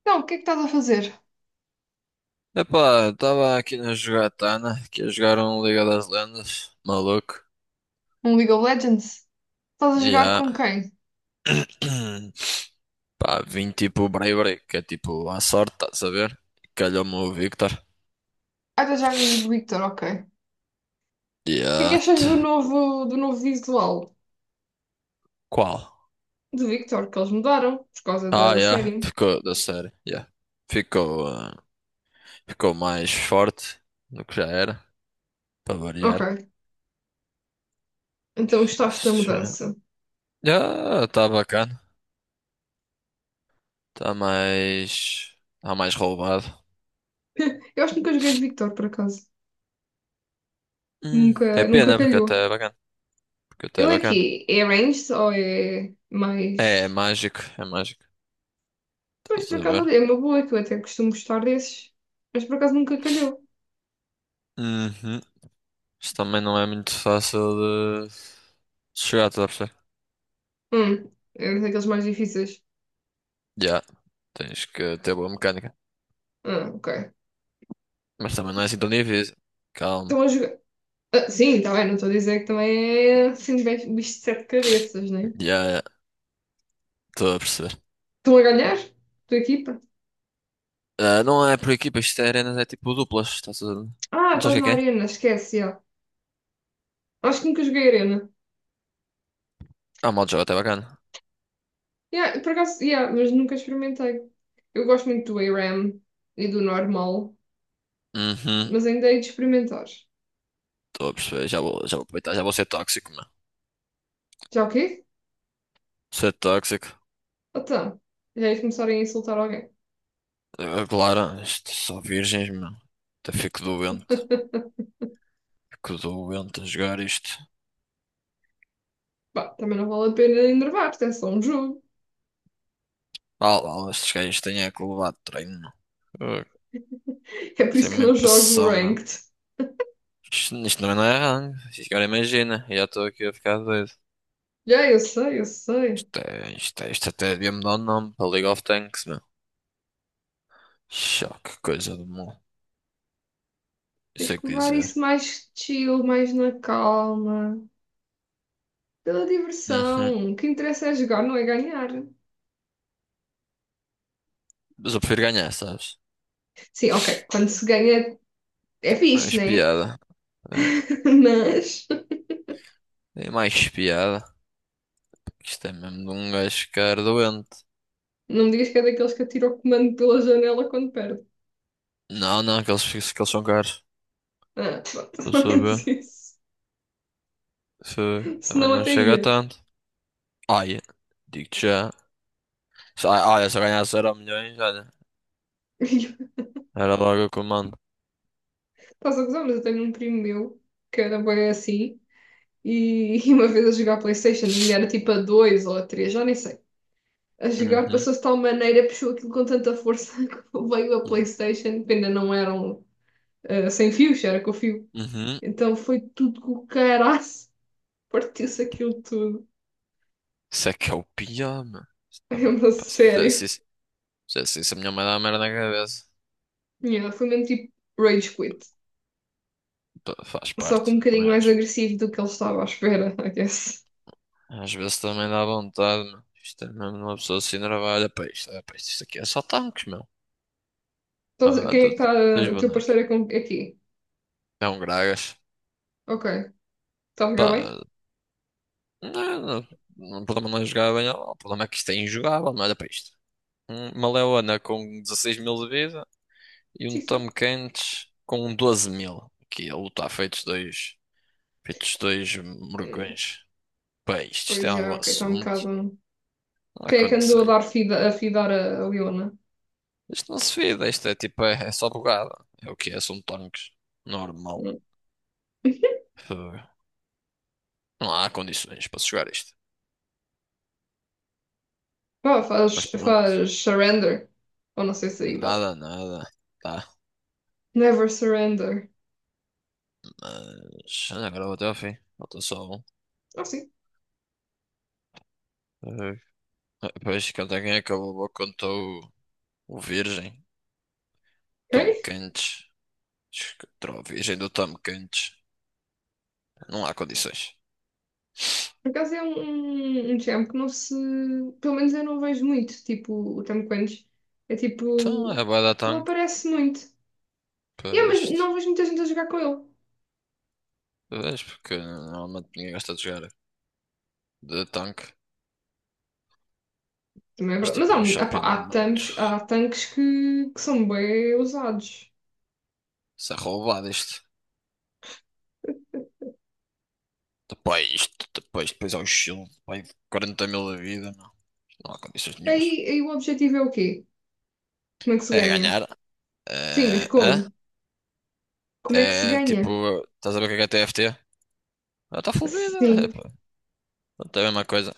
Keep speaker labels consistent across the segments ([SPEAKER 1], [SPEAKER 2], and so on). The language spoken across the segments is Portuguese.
[SPEAKER 1] Então, o que é que estás a fazer?
[SPEAKER 2] Epá, eu tava aqui na jogatana, que a jogaram Liga das Lendas, maluco,
[SPEAKER 1] Um League of Legends? Estás a
[SPEAKER 2] e
[SPEAKER 1] jogar
[SPEAKER 2] há,
[SPEAKER 1] com quem?
[SPEAKER 2] pá, vim tipo Bray Bray, que é tipo à sorte, estás a ver? Calhou-me o Victor,
[SPEAKER 1] Ah, estás a jogar com o Victor, ok. O
[SPEAKER 2] e
[SPEAKER 1] que é que
[SPEAKER 2] há,
[SPEAKER 1] achas
[SPEAKER 2] t-
[SPEAKER 1] do novo visual
[SPEAKER 2] qual?
[SPEAKER 1] de Victor que eles mudaram por causa da,
[SPEAKER 2] Ah,
[SPEAKER 1] da
[SPEAKER 2] yeah,
[SPEAKER 1] série?
[SPEAKER 2] ficou da série, yeah. Ficou, ficou mais forte do que já era, para variar.
[SPEAKER 1] Ok, então gostaste da mudança.
[SPEAKER 2] Já, tá bacana, tá mais roubado.
[SPEAKER 1] Eu acho que nunca joguei de Victor, por acaso.
[SPEAKER 2] É
[SPEAKER 1] Nunca
[SPEAKER 2] pena, porque
[SPEAKER 1] calhou.
[SPEAKER 2] até é bacana, porque até
[SPEAKER 1] Ele
[SPEAKER 2] é
[SPEAKER 1] é
[SPEAKER 2] bacana.
[SPEAKER 1] quê? É ranged ou é
[SPEAKER 2] É
[SPEAKER 1] mais...
[SPEAKER 2] mágico, é mágico.
[SPEAKER 1] Pois,
[SPEAKER 2] Estás
[SPEAKER 1] por
[SPEAKER 2] a
[SPEAKER 1] acaso,
[SPEAKER 2] ver?
[SPEAKER 1] é uma boa, que eu até costumo gostar desses. Mas por acaso nunca calhou.
[SPEAKER 2] Uhum. Isto também não é muito fácil de de chegar, estás a perceber?
[SPEAKER 1] É daqueles mais difíceis.
[SPEAKER 2] Já, tens que ter boa mecânica.
[SPEAKER 1] Ah, ok.
[SPEAKER 2] Mas também não é assim tão difícil.
[SPEAKER 1] Estão
[SPEAKER 2] Calma.
[SPEAKER 1] a jogar. Ah, sim, está bem, não estou a dizer que também é assim bem bicho de sete cabeças, né?
[SPEAKER 2] Já, estou a perceber.
[SPEAKER 1] Estão a ganhar? Tua equipa?
[SPEAKER 2] Ah, não é por equipa, isto é arenas, é tipo duplas. Estás a...
[SPEAKER 1] Ah,
[SPEAKER 2] Não sabes o
[SPEAKER 1] estás
[SPEAKER 2] que é
[SPEAKER 1] na
[SPEAKER 2] que é?
[SPEAKER 1] arena, esquece, já. Acho que nunca joguei arena.
[SPEAKER 2] Ah, o modo de jogo até bacana.
[SPEAKER 1] Yeah, por acaso, yeah, mas nunca experimentei. Eu gosto muito do ARAM e do normal,
[SPEAKER 2] Uhum,
[SPEAKER 1] mas ainda hei de experimentar.
[SPEAKER 2] estou a perceber. Já vou aproveitar, já vou ser tóxico, mano.
[SPEAKER 1] Já o quê?
[SPEAKER 2] Ser tóxico.
[SPEAKER 1] Então, já hei de começar a insultar alguém.
[SPEAKER 2] Ah, claro, isto só virgens, mano. Até fico doente. Fico doente a jogar isto.
[SPEAKER 1] Pá, também não vale a pena enervar-te, é só um jogo.
[SPEAKER 2] Ah lá, estes gajos têm é que levar treino, meu. Ah,
[SPEAKER 1] É por
[SPEAKER 2] Isso é
[SPEAKER 1] isso que
[SPEAKER 2] uma
[SPEAKER 1] eu não jogo o
[SPEAKER 2] impressão, meu.
[SPEAKER 1] ranked.
[SPEAKER 2] Isto também não é rango. Isto Agora imagina, já estou aqui a ficar doido.
[SPEAKER 1] Já, eu sei, eu sei.
[SPEAKER 2] Isto até devia mudar o nome para League of Tanks, meu. Choque, coisa do mal.
[SPEAKER 1] Tens
[SPEAKER 2] Isso é
[SPEAKER 1] que
[SPEAKER 2] que
[SPEAKER 1] levar
[SPEAKER 2] dizer.
[SPEAKER 1] isso mais chill, mais na calma. Pela
[SPEAKER 2] Uhum.
[SPEAKER 1] diversão. O que interessa é jogar, não é ganhar.
[SPEAKER 2] Mas eu prefiro ganhar, sabes?
[SPEAKER 1] Sim, ok. Quando se ganha é fixe,
[SPEAKER 2] Mais
[SPEAKER 1] né?
[SPEAKER 2] piada.
[SPEAKER 1] Mas
[SPEAKER 2] É mais piada. Isto é mesmo de um gajo ficar doente.
[SPEAKER 1] não me digas que é daqueles que atira o comando pela janela quando perde.
[SPEAKER 2] Não, não, que eles são caros.
[SPEAKER 1] Ah, pronto,
[SPEAKER 2] Estou a
[SPEAKER 1] pelo
[SPEAKER 2] saber.
[SPEAKER 1] menos isso.
[SPEAKER 2] Foi. Também
[SPEAKER 1] Senão
[SPEAKER 2] não
[SPEAKER 1] até
[SPEAKER 2] chega a
[SPEAKER 1] ia.
[SPEAKER 2] tanto. Ai, digo-te já. Só- Olha, se eu ganhasse euro milhões, olha,
[SPEAKER 1] Estás
[SPEAKER 2] era logo o que eu mando.
[SPEAKER 1] a gozar, mas eu tenho um primo meu que era bem assim. E uma vez a jogar PlayStation, ainda era tipo a 2 ou a 3, já nem sei. A jogar
[SPEAKER 2] Uhum,
[SPEAKER 1] passou-se de tal maneira, puxou aquilo com tanta força que veio a
[SPEAKER 2] uhum.
[SPEAKER 1] PlayStation, que ainda não eram ah, sem fios, era com fio.
[SPEAKER 2] Uhum.
[SPEAKER 1] Então foi tudo com o caraço. Partiu-se aquilo tudo.
[SPEAKER 2] Isso é que é o pior, mano. Isso
[SPEAKER 1] É
[SPEAKER 2] Também,
[SPEAKER 1] uma
[SPEAKER 2] pá, se fizesse
[SPEAKER 1] sério.
[SPEAKER 2] isso, fizesse isso, a minha mãe dá merda na cabeça.
[SPEAKER 1] Yeah, foi mesmo tipo rage quit.
[SPEAKER 2] Pá, faz
[SPEAKER 1] Só que um
[SPEAKER 2] parte,
[SPEAKER 1] bocadinho
[SPEAKER 2] também
[SPEAKER 1] mais
[SPEAKER 2] acho.
[SPEAKER 1] agressivo do que ele estava à espera, I guess.
[SPEAKER 2] Às vezes também dá vontade, mano. Isto é mesmo uma pessoa assim, trabalha para isto. Olha para isto, isto aqui é só tanques, meu.
[SPEAKER 1] Então,
[SPEAKER 2] Ah,
[SPEAKER 1] quem é que está.
[SPEAKER 2] dois
[SPEAKER 1] O teu
[SPEAKER 2] bonecos.
[SPEAKER 1] parceiro é com- é aqui?
[SPEAKER 2] É um Gragas.
[SPEAKER 1] Ok. Está a ficar bem?
[SPEAKER 2] Pá, não, não, não, o problema não é jogar bem, o problema é que isto é injogável, mas olha para isto. Uma leona com 16 mil de vida. E um
[SPEAKER 1] Xista.
[SPEAKER 2] Tom Kench com um 12 mil. Aqui a luta feitos dois
[SPEAKER 1] Hum,
[SPEAKER 2] morgões. Bem, isto tem
[SPEAKER 1] pois já,
[SPEAKER 2] algum
[SPEAKER 1] yeah, ok, está um
[SPEAKER 2] assunto?
[SPEAKER 1] bocado.
[SPEAKER 2] Não há
[SPEAKER 1] Quem é que andou a
[SPEAKER 2] condições.
[SPEAKER 1] dar fida, a fidar a Leona?
[SPEAKER 2] Isto não se vira, isto é tipo, é, é só bugada. É o que é, são tanques. Normal.
[SPEAKER 1] Hum.
[SPEAKER 2] Uh, Não há condições para se jogar isto.
[SPEAKER 1] Pá,
[SPEAKER 2] Mas
[SPEAKER 1] faz,
[SPEAKER 2] pronto,
[SPEAKER 1] faz surrender. Ou não sei se aí dá.
[SPEAKER 2] nada, nada. Tá,
[SPEAKER 1] Never surrender.
[SPEAKER 2] mas agora vou até ao fim. Falta só um.
[SPEAKER 1] Ah, sim.
[SPEAKER 2] Uh, Depois, conta quem acabou, contou o o Virgem, Tom
[SPEAKER 1] Ok.
[SPEAKER 2] Kench. Contra o Virgem do Tom Kench. Não há condições.
[SPEAKER 1] Por acaso é um, um, um género que não se. Pelo menos eu não vejo muito. Tipo, o Tom Clancy é
[SPEAKER 2] Então é
[SPEAKER 1] tipo.
[SPEAKER 2] bué da
[SPEAKER 1] Não
[SPEAKER 2] tanque
[SPEAKER 1] aparece muito. E é,
[SPEAKER 2] para
[SPEAKER 1] mas
[SPEAKER 2] isto.
[SPEAKER 1] não vejo muita gente a jogar com ele.
[SPEAKER 2] Vês? Porque normalmente ninguém gosta de jogar de tanque.
[SPEAKER 1] Também é
[SPEAKER 2] Mas
[SPEAKER 1] verdade. Mas
[SPEAKER 2] tipo,
[SPEAKER 1] há,
[SPEAKER 2] é um
[SPEAKER 1] muito, ah pá,
[SPEAKER 2] champion muito
[SPEAKER 1] há tanques que são bem usados.
[SPEAKER 2] se roubado isto. Depois ao shield, vai 40 mil da vida, não. Não há condições
[SPEAKER 1] Aí,
[SPEAKER 2] nenhumas.
[SPEAKER 1] aí o objetivo é o quê? Como é que se
[SPEAKER 2] É
[SPEAKER 1] ganha?
[SPEAKER 2] ganhar.
[SPEAKER 1] Sim, mas
[SPEAKER 2] É,
[SPEAKER 1] como? Como é que se
[SPEAKER 2] é tipo,
[SPEAKER 1] ganha?
[SPEAKER 2] estás a ver o que é TFT? Ah, está full vida. É,
[SPEAKER 1] Sim.
[SPEAKER 2] pá. Portanto, é a mesma coisa.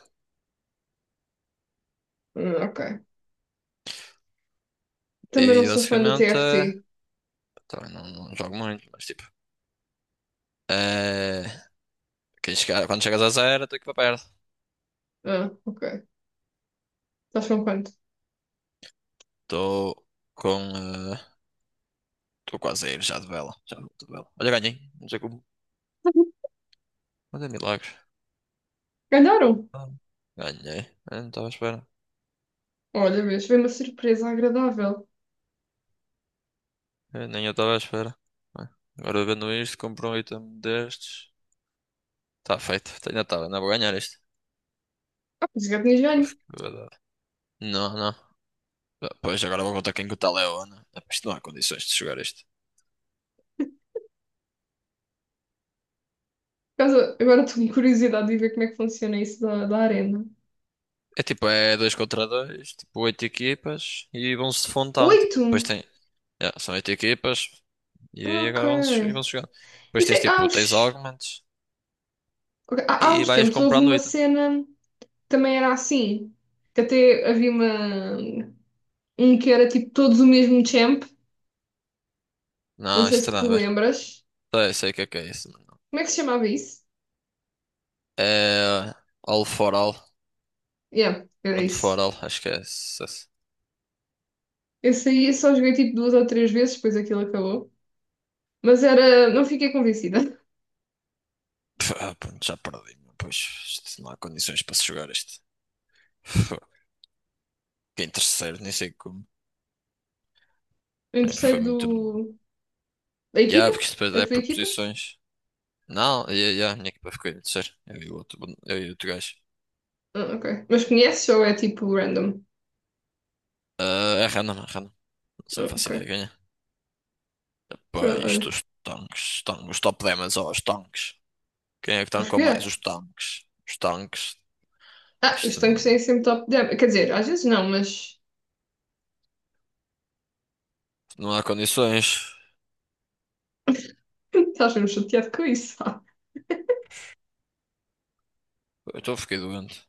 [SPEAKER 1] Ah, ok. Também não
[SPEAKER 2] E
[SPEAKER 1] sou fã do
[SPEAKER 2] basicamente,
[SPEAKER 1] TFT.
[SPEAKER 2] também não jogo muito, mas tipo, eh, quem chegar, quando chegas a zero, tem que ir para perto.
[SPEAKER 1] Ah, ok. Estás com quanto?
[SPEAKER 2] Estou com. Estou quase a ir já de vela. Já vou de vela. Olha, ganhei. Não sei como. Mas é milagres.
[SPEAKER 1] Ganharam!
[SPEAKER 2] Ah, ganhei. Eu não estava à espera.
[SPEAKER 1] Olha, vês, foi uma surpresa agradável.
[SPEAKER 2] Eu nem eu estava à espera. Bem, agora vendo isto, compro um item destes. Está feito. Ainda estava. Ainda vou ganhar isto.
[SPEAKER 1] Ah, por isso que eu tinha
[SPEAKER 2] Tô a
[SPEAKER 1] joelho.
[SPEAKER 2] ficar- Não, não. Ah, pois agora vou contar quem que o tal é o Ana. Ah, isto não há condições de jogar isto.
[SPEAKER 1] Por causa- Agora estou com curiosidade de ver como é que funciona isso da arena.
[SPEAKER 2] É tipo, é dois contra dois tipo, oito equipas e vão-se de fontão. Tipo, depois
[SPEAKER 1] Oito?
[SPEAKER 2] tem, yeah, são oito equipas e
[SPEAKER 1] Ah,
[SPEAKER 2] aí
[SPEAKER 1] ok.
[SPEAKER 2] agora vamos, e vamos jogar. Depois
[SPEAKER 1] Isso
[SPEAKER 2] tens
[SPEAKER 1] é, há
[SPEAKER 2] tipo, tens
[SPEAKER 1] uns,
[SPEAKER 2] augments
[SPEAKER 1] ok, há, há
[SPEAKER 2] e
[SPEAKER 1] uns
[SPEAKER 2] vais
[SPEAKER 1] tempos houve
[SPEAKER 2] comprando
[SPEAKER 1] uma
[SPEAKER 2] item.
[SPEAKER 1] cena que também era assim, que até havia uma, um que era tipo todos o mesmo champ, não
[SPEAKER 2] Não,
[SPEAKER 1] sei
[SPEAKER 2] isto
[SPEAKER 1] se te
[SPEAKER 2] nada a ver.
[SPEAKER 1] lembras.
[SPEAKER 2] Sei, sei o que é isso, mas não.
[SPEAKER 1] Como é que se chamava isso?
[SPEAKER 2] É all for all,
[SPEAKER 1] Yeah, era
[SPEAKER 2] one for
[SPEAKER 1] isso.
[SPEAKER 2] all, acho que é isso.
[SPEAKER 1] Esse aí eu só joguei tipo duas ou três vezes, depois aquilo acabou. Mas era, não fiquei convencida.
[SPEAKER 2] Pff, ah, pronto, já perdi, meu. Pois isto não há condições para se jogar isto. Pff, fiquei em terceiro, nem sei como.
[SPEAKER 1] Em
[SPEAKER 2] É, foi
[SPEAKER 1] terceiro
[SPEAKER 2] muito bom.
[SPEAKER 1] do, da
[SPEAKER 2] Yeah,
[SPEAKER 1] equipa,
[SPEAKER 2] porque isto depois
[SPEAKER 1] a
[SPEAKER 2] é
[SPEAKER 1] tua
[SPEAKER 2] por
[SPEAKER 1] equipa?
[SPEAKER 2] posições. Não, yeah, yeah, a minha equipa ficou em terceiro. Eu e o outro gajo.
[SPEAKER 1] Ah, ok. Mas conheces ou é tipo random?
[SPEAKER 2] Ah, é random, é random. Não sei,
[SPEAKER 1] Ah,
[SPEAKER 2] faço ideia
[SPEAKER 1] ok.
[SPEAKER 2] de ganhar. Pá,
[SPEAKER 1] Pronto, olha.
[SPEAKER 2] tanques, os top 10, mas ó, os tanques. Quem é que
[SPEAKER 1] Acho
[SPEAKER 2] tancou
[SPEAKER 1] que
[SPEAKER 2] mais?
[SPEAKER 1] é.
[SPEAKER 2] Os tanques. Os tanques. Pá,
[SPEAKER 1] Ah, os
[SPEAKER 2] Isto
[SPEAKER 1] tanques têm
[SPEAKER 2] não,
[SPEAKER 1] sempre top down. Quer dizer, às vezes não, mas
[SPEAKER 2] não há condições.
[SPEAKER 1] estás mesmo chateado com isso. Ah,
[SPEAKER 2] Fiquei doente.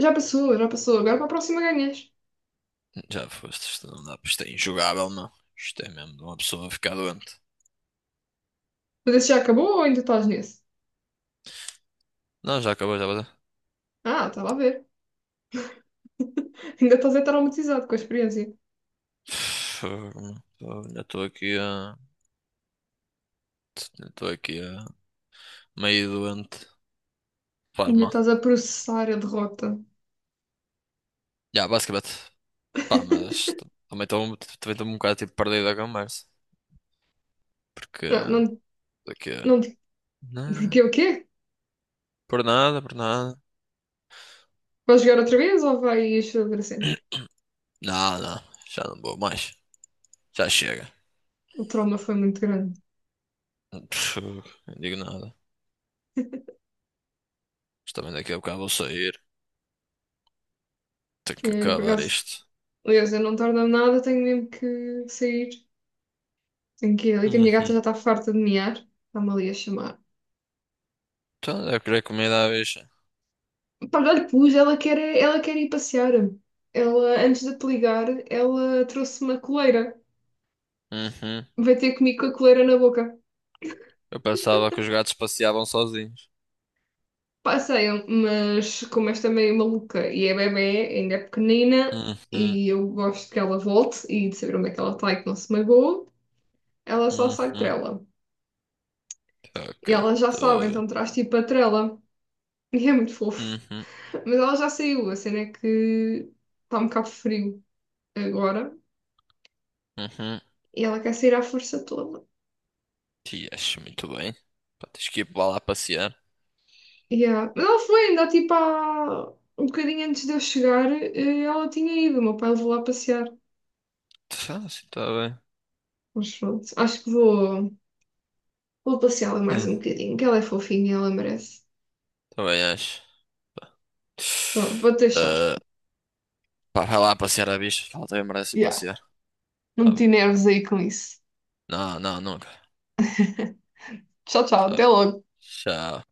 [SPEAKER 1] já passou. Agora para a próxima ganhas.
[SPEAKER 2] Já foste, isto não dá, isto é injogável, não. Isto é mesmo de uma pessoa ficar doente.
[SPEAKER 1] Mas esse já acabou ou ainda estás nesse?
[SPEAKER 2] Não, já acabou, já acabou.
[SPEAKER 1] Ah, estava a ver. Ainda estás a traumatizado com a experiência.
[SPEAKER 2] Fogo, meu. Ainda estou aqui a. Meio doente. Faz
[SPEAKER 1] Ainda
[SPEAKER 2] mal.
[SPEAKER 1] estás a processar a derrota.
[SPEAKER 2] Já, basicamente. Pá, também estou um bocado tipo perdido da conversa. Porque.
[SPEAKER 1] Não, não,
[SPEAKER 2] Daqui a.
[SPEAKER 1] não.
[SPEAKER 2] Não.
[SPEAKER 1] Porque o quê?
[SPEAKER 2] Por nada, por nada.
[SPEAKER 1] Vais jogar outra vez ou vais fazer assim?
[SPEAKER 2] Não, não. Já não vou mais. Já chega.
[SPEAKER 1] O trauma foi muito grande.
[SPEAKER 2] Pff, não digo nada. Mas também daqui a bocado vou sair. Tenho
[SPEAKER 1] E
[SPEAKER 2] que
[SPEAKER 1] eu, por
[SPEAKER 2] acabar
[SPEAKER 1] acaso,
[SPEAKER 2] isto.
[SPEAKER 1] aliás, eu não tardo nada, tenho mesmo que sair. Tenho que ali, que a minha gata
[SPEAKER 2] Uhum.
[SPEAKER 1] já está farta de miar. Está-me ali a chamar.
[SPEAKER 2] Então, eu queria comida à bicha.
[SPEAKER 1] Pá, já lhe pus, ela quer, é- ela quer ir passear. Ela, antes de te ligar, ela trouxe uma coleira.
[SPEAKER 2] Uhum.
[SPEAKER 1] Vai ter comigo com a coleira na boca.
[SPEAKER 2] Eu pensava que os gatos passeavam sozinhos.
[SPEAKER 1] Passeiam, mas como esta é meio maluca e é bebé, ainda é pequenina,
[SPEAKER 2] Uhum.
[SPEAKER 1] e eu gosto que ela volte e de saber onde é que ela está e que não se magoou, ela só sai de
[SPEAKER 2] Uhum.
[SPEAKER 1] trela.
[SPEAKER 2] Ok.
[SPEAKER 1] E ela já
[SPEAKER 2] Estou
[SPEAKER 1] sabe,
[SPEAKER 2] a ver.
[SPEAKER 1] então traz tipo a trela. E é muito fofo.
[SPEAKER 2] Uhum.
[SPEAKER 1] Mas ela já saiu, a cena é que está um bocado frio agora.
[SPEAKER 2] Uhum.
[SPEAKER 1] E ela quer sair à força toda.
[SPEAKER 2] Te acho muito bem. Pá, tens que ir para lá passear.
[SPEAKER 1] Yeah. Mas ela foi, ainda tipo há um bocadinho antes de eu chegar, ela tinha ido. O meu pai levou lá passear.
[SPEAKER 2] Ah, sim, está bem.
[SPEAKER 1] Mas pronto, acho que vou, vou passeá-la mais
[SPEAKER 2] Hum,
[SPEAKER 1] um bocadinho, que ela é fofinha e ela merece.
[SPEAKER 2] também acho.
[SPEAKER 1] Então, olha, vou deixar.
[SPEAKER 2] Ah, pá, vai lá passear a bicha, que ela também merece ir
[SPEAKER 1] Yeah.
[SPEAKER 2] passear.
[SPEAKER 1] Não
[SPEAKER 2] Tá
[SPEAKER 1] meti
[SPEAKER 2] bem.
[SPEAKER 1] nervos aí com isso.
[SPEAKER 2] No, no, nunca.
[SPEAKER 1] Tchau, tchau,
[SPEAKER 2] Tá.
[SPEAKER 1] até logo.
[SPEAKER 2] Tchau.